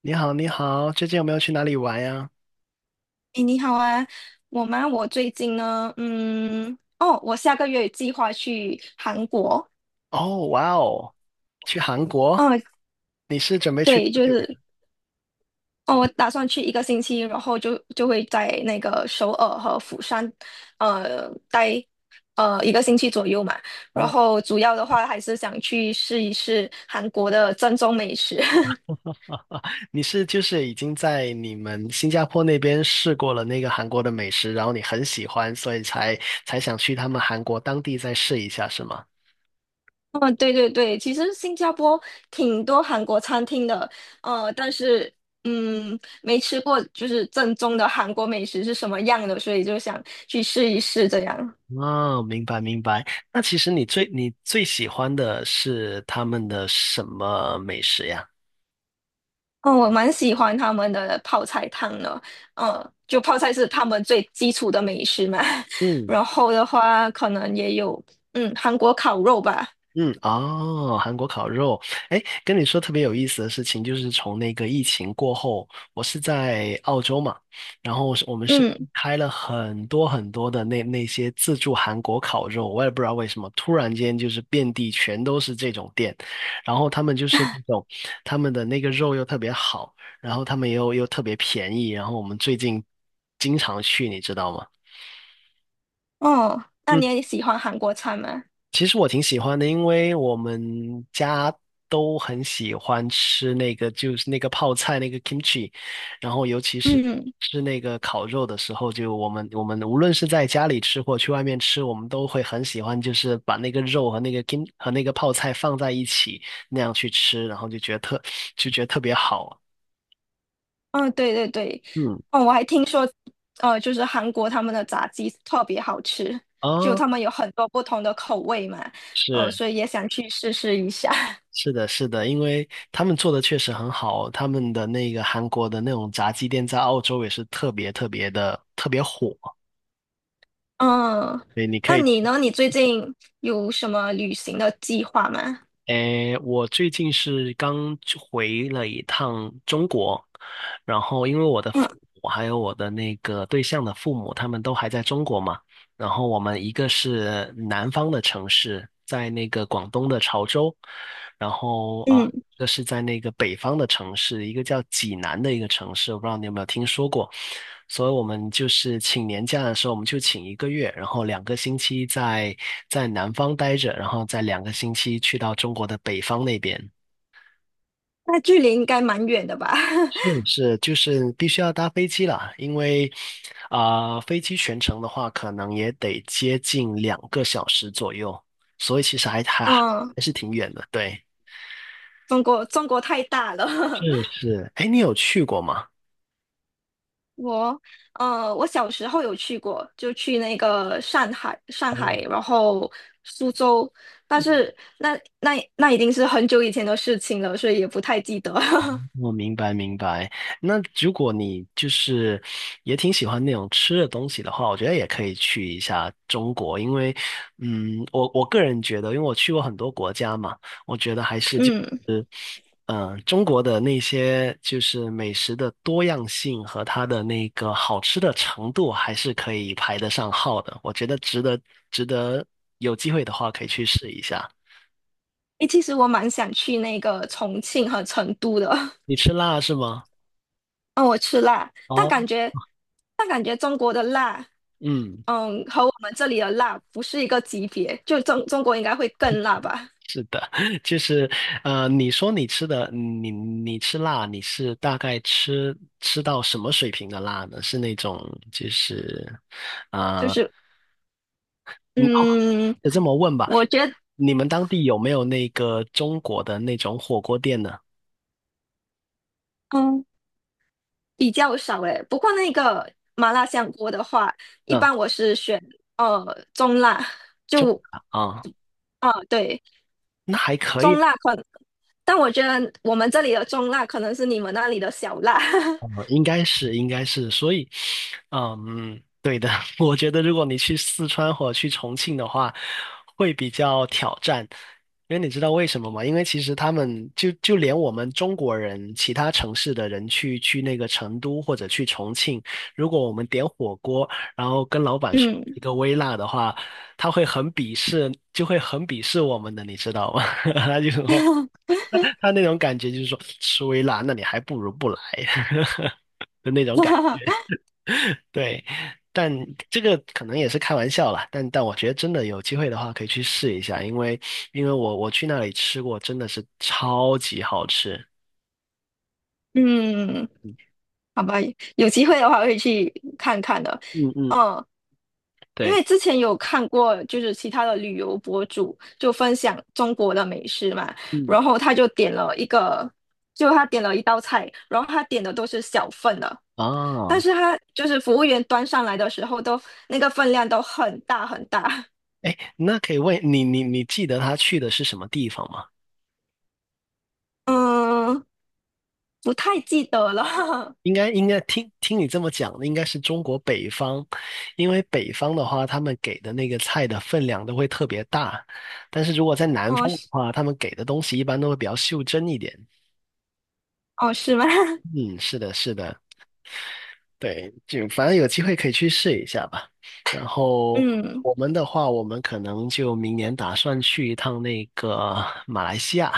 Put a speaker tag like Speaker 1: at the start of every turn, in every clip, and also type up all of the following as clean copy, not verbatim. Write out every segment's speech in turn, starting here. Speaker 1: 你好，你好，最近有没有去哪里玩呀？
Speaker 2: 诶，你好啊，我吗？我最近呢，我下个月计划去韩国。
Speaker 1: 哦，哇哦，去韩国？
Speaker 2: 嗯，
Speaker 1: 你是准备去
Speaker 2: 对，
Speaker 1: 多
Speaker 2: 就
Speaker 1: 久呀？
Speaker 2: 是，哦，我打算去一个星期，然后就会在那个首尔和釜山，待一个星期左右嘛。然
Speaker 1: 啊
Speaker 2: 后主要的话还是想去试一试韩国的正宗美食。
Speaker 1: 你是就是已经在你们新加坡那边试过了那个韩国的美食，然后你很喜欢，所以才想去他们韩国当地再试一下，是吗？
Speaker 2: 嗯，对对对，其实新加坡挺多韩国餐厅的，但是没吃过就是正宗的韩国美食是什么样的，所以就想去试一试这样。
Speaker 1: 哦，明白明白。那其实你最喜欢的是他们的什么美食呀？
Speaker 2: 哦，我蛮喜欢他们的泡菜汤的，就泡菜是他们最基础的美食嘛。
Speaker 1: 嗯
Speaker 2: 然后的话，可能也有韩国烤肉吧，
Speaker 1: 嗯，哦，韩国烤肉，哎，跟你说特别有意思的事情，就是从那个疫情过后，我是在澳洲嘛，然后我们是
Speaker 2: 嗯，
Speaker 1: 开了很多很多的那些自助韩国烤肉，我也不知道为什么，突然间就是遍地全都是这种店，然后他们就是那种他们的那个肉又特别好，然后他们又特别便宜，然后我们最近经常去，你知道吗？
Speaker 2: 哦，那
Speaker 1: 嗯。
Speaker 2: 你也喜欢韩国菜吗？
Speaker 1: 其实我挺喜欢的，因为我们家都很喜欢吃那个，就是那个泡菜那个 kimchi，然后尤其是
Speaker 2: 嗯。
Speaker 1: 吃那个烤肉的时候，就我们无论是在家里吃或去外面吃，我们都会很喜欢，就是把那个肉和那个泡菜放在一起那样去吃，然后就觉得特别好。
Speaker 2: 嗯，对对对，
Speaker 1: 嗯
Speaker 2: 哦，我还听说，就是韩国他们的炸鸡特别好吃，就
Speaker 1: 啊，
Speaker 2: 他们有很多不同的口味嘛，
Speaker 1: 是。
Speaker 2: 所以也想去试试一下。
Speaker 1: 是的，是的，因为他们做的确实很好，他们的那个韩国的那种炸鸡店在澳洲也是特别特别的特别火，
Speaker 2: 嗯，
Speaker 1: 对，你可
Speaker 2: 那
Speaker 1: 以去。
Speaker 2: 你呢？你最近有什么旅行的计划吗？
Speaker 1: 诶，我最近是刚回了一趟中国，然后因为我的父
Speaker 2: 嗯
Speaker 1: 母还有我的那个对象的父母，他们都还在中国嘛。然后我们一个是南方的城市，在那个广东的潮州，然后啊，
Speaker 2: 嗯，
Speaker 1: 一个是在那个北方的城市，一个叫济南的一个城市，我不知道你有没有听说过。所以我们就是请年假的时候，我们就请一个月，然后两个星期在南方待着，然后再两个星期去到中国的北方那边。
Speaker 2: 那距离应该蛮远的吧？
Speaker 1: 是是，就是必须要搭飞机啦，因为啊、飞机全程的话，可能也得接近2个小时左右，所以其实还
Speaker 2: 嗯，
Speaker 1: 是挺远的。对，
Speaker 2: 中国太大了。
Speaker 1: 是 是，哎，你有去过吗？
Speaker 2: 我我小时候有去过，就去那个上海，然后苏州，但是那已经是很久以前的事情了，所以也不太记得。
Speaker 1: 我明白明白。那如果你就是也挺喜欢那种吃的东西的话，我觉得也可以去一下中国，因为我个人觉得，因为我去过很多国家嘛，我觉得还是就
Speaker 2: 嗯，
Speaker 1: 是。嗯，中国的那些就是美食的多样性和它的那个好吃的程度，还是可以排得上号的。我觉得值得有机会的话可以去试一下。
Speaker 2: 诶，其实我蛮想去那个重庆和成都的。
Speaker 1: 你 吃辣是吗？
Speaker 2: 嗯，我吃辣，但
Speaker 1: 哦，
Speaker 2: 感觉但感觉中国的辣，
Speaker 1: 嗯，
Speaker 2: 嗯，和我们这里的辣不是一个级别，就中国应该会更辣吧？
Speaker 1: 就是你吃辣，你是大概吃到什么水平的辣呢？是那种就是
Speaker 2: 就
Speaker 1: 啊。
Speaker 2: 是
Speaker 1: 你
Speaker 2: 嗯，
Speaker 1: 这么问吧，
Speaker 2: 我觉得。
Speaker 1: 你们当地有没有那个中国的那种火锅店呢？
Speaker 2: 嗯比较少诶，不过那个麻辣香锅的话，一
Speaker 1: 嗯。
Speaker 2: 般我是选中辣，
Speaker 1: 九
Speaker 2: 就
Speaker 1: 百啊，
Speaker 2: 啊、对
Speaker 1: 那还可
Speaker 2: 中
Speaker 1: 以
Speaker 2: 辣可能，但我觉得我们这里的中辣可能是你们那里的小辣，
Speaker 1: 嗯，应该是，应该是，所以，嗯，对的，我觉得如果你去四川或者去重庆的话，会比较挑战，因为你知道为什么吗？因为其实他们就连我们中国人，其他城市的人去那个成都或者去重庆，如果我们点火锅，然后跟老板说
Speaker 2: 嗯
Speaker 1: 一个微辣的话，他会很鄙视，就会很鄙视我们的，你知道吗？他就说。他那种感觉就是说，吃微辣，那你还不如不来。就那种感觉对，但这个可能也是开玩笑啦，但我觉得真的有机会的话，可以去试一下，因为我去那里吃过，真的是超级好吃。
Speaker 2: 嗯。
Speaker 1: 嗯
Speaker 2: 好吧，有机会的话会去看看的。
Speaker 1: 嗯，嗯
Speaker 2: 嗯，因
Speaker 1: 对，
Speaker 2: 为之前有看过，就是其他的旅游博主就分享中国的美食嘛，
Speaker 1: 嗯
Speaker 2: 然后他就点了一个，就他点了一道菜，然后他点的都是小份的，但
Speaker 1: 啊，
Speaker 2: 是他就是服务员端上来的时候都那个分量都很大很大，
Speaker 1: 哎，那可以问你，你记得他去的是什么地方吗？
Speaker 2: 嗯，不太记得了，
Speaker 1: 应该听听你这么讲，应该是中国北方，因为北方的话，他们给的那个菜的分量都会特别大，但是如果在南
Speaker 2: 哦
Speaker 1: 方的
Speaker 2: 是
Speaker 1: 话，他们给的东西一般都会比较袖珍一点。
Speaker 2: 哦是吗？
Speaker 1: 嗯，是的，是的，对，就反正有机会可以去试一下吧。然后我们的话，我们可能就明年打算去一趟那个马来西亚。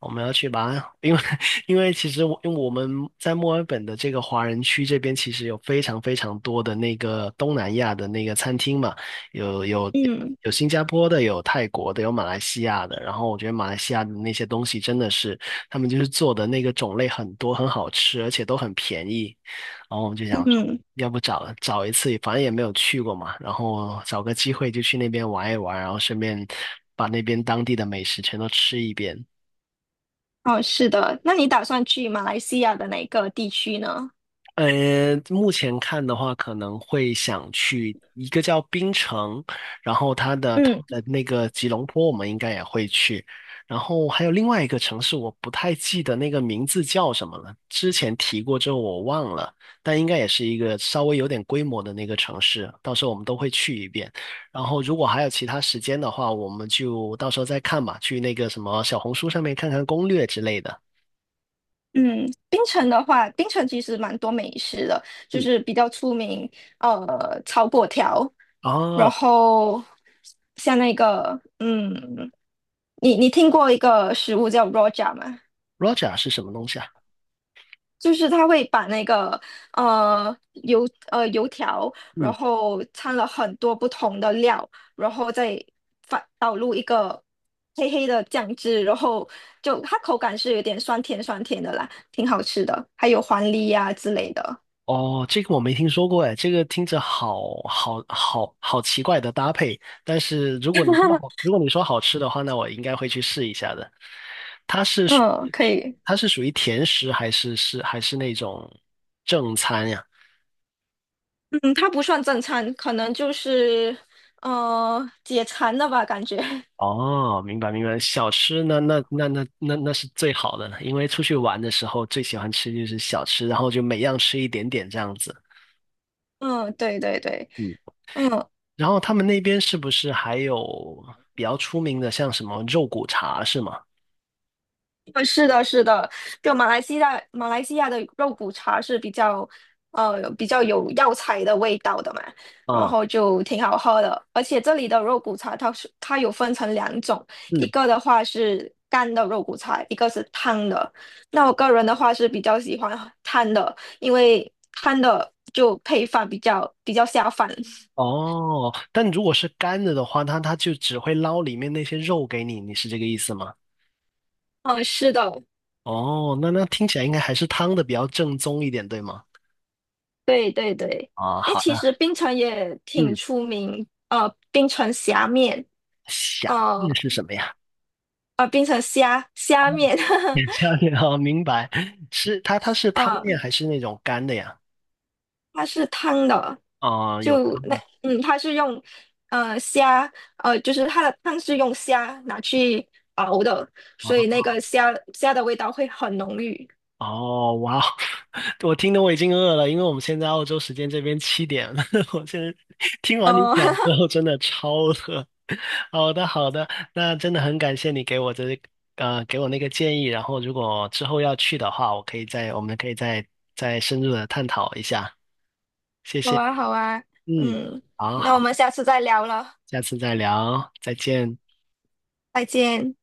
Speaker 1: 我们要去马鞍，因为 因为其实我因为我们在墨尔本的这个华人区这边，其实有非常非常多的那个东南亚的那个餐厅嘛，有有
Speaker 2: 嗯嗯。
Speaker 1: 有新加坡的，有泰国的，有马来西亚的。然后我觉得马来西亚的那些东西真的是，他们就是做的那个种类很多，很好吃，而且都很便宜。然后我们就想说，
Speaker 2: 嗯
Speaker 1: 要不找找一次，反正也没有去过嘛，然后找个机会就去那边玩一玩，然后顺便把那边当地的美食全都吃一遍。
Speaker 2: 哦，是的，那你打算去马来西亚的哪个地区呢？
Speaker 1: 目前看的话，可能会想去一个叫槟城，然后它的它
Speaker 2: 嗯
Speaker 1: 的那个吉隆坡，我们应该也会去。然后还有另外一个城市，我不太记得那个名字叫什么了，之前提过之后我忘了，但应该也是一个稍微有点规模的那个城市，到时候我们都会去一遍。然后如果还有其他时间的话，我们就到时候再看吧，去那个什么小红书上面看看攻略之类的。
Speaker 2: 嗯，槟城的话，槟城其实蛮多美食的，就
Speaker 1: 嗯，
Speaker 2: 是比较出名，炒粿条，然
Speaker 1: 哦
Speaker 2: 后像那个，你听过一个食物叫 ROJA 吗？
Speaker 1: ，Roger 是什么东西啊？
Speaker 2: 就是他会把那个呃油条，然
Speaker 1: 嗯。
Speaker 2: 后掺了很多不同的料，然后再反倒入一个黑黑的酱汁，然后就它口感是有点酸甜酸甜的啦，挺好吃的。还有黄梨呀、之类的，
Speaker 1: 哦，这个我没听说过哎，这个听着好奇怪的搭配，但是如果你说好吃的话，那我应该会去试一下的。它是属
Speaker 2: 嗯，可以，
Speaker 1: 它是属于甜食还是那种正餐呀？
Speaker 2: 嗯，它不算正餐，可能就是解馋的吧，感觉，
Speaker 1: 哦，明白明白，小吃那是最好的了，因为出去玩的时候最喜欢吃就是小吃，然后就每样吃一点点这样子。
Speaker 2: 嗯，对对对。
Speaker 1: 嗯，
Speaker 2: 嗯，
Speaker 1: 然后他们那边是不是还有比较出名的，像什么肉骨茶是吗？
Speaker 2: 是的，是的，就马来西亚的肉骨茶是比较，比较有药材的味道的嘛，然
Speaker 1: 啊，
Speaker 2: 后就挺好喝的。而且这里的肉骨茶，它有分成两种，一
Speaker 1: 嗯，
Speaker 2: 个的话是干的肉骨茶，一个是汤的。那我个人的话是比较喜欢汤的，因为汤的就配饭比较下饭。
Speaker 1: 哦，但如果是干的的话，它就只会捞里面那些肉给你，你是这个意思吗？
Speaker 2: 嗯，是的，
Speaker 1: 哦，那听起来应该还是汤的比较正宗一点，对吗？
Speaker 2: 对对对。
Speaker 1: 啊，
Speaker 2: 诶，
Speaker 1: 好
Speaker 2: 其
Speaker 1: 的，
Speaker 2: 实槟城也挺
Speaker 1: 嗯，
Speaker 2: 出名，槟城虾面。
Speaker 1: 虾面
Speaker 2: 哦，
Speaker 1: 是什么呀？
Speaker 2: 变成虾面，
Speaker 1: 也虾面啊，明白，是它 是汤
Speaker 2: 呃，
Speaker 1: 面还是那种干的呀？
Speaker 2: 它是汤的，
Speaker 1: 啊，有
Speaker 2: 就
Speaker 1: 汤
Speaker 2: 那
Speaker 1: 的
Speaker 2: 嗯，它是用虾，就是它的汤是用虾拿去熬的，所以那
Speaker 1: 啊，
Speaker 2: 个虾的味道会很浓郁。
Speaker 1: 哦，哇，我听得我已经饿了，因为我们现在澳洲时间这边7点了。我现在听完你
Speaker 2: 哦，
Speaker 1: 讲之 后，真的超饿。好的，好的，那真的很感谢你给我那个建议。然后，如果之后要去的话，我们可以再深入的探讨一下。谢
Speaker 2: 好
Speaker 1: 谢，
Speaker 2: 啊，好啊，
Speaker 1: 嗯，
Speaker 2: 嗯，
Speaker 1: 好
Speaker 2: 那我
Speaker 1: 好，
Speaker 2: 们下次再聊了，
Speaker 1: 下次再聊，再见。
Speaker 2: 再见。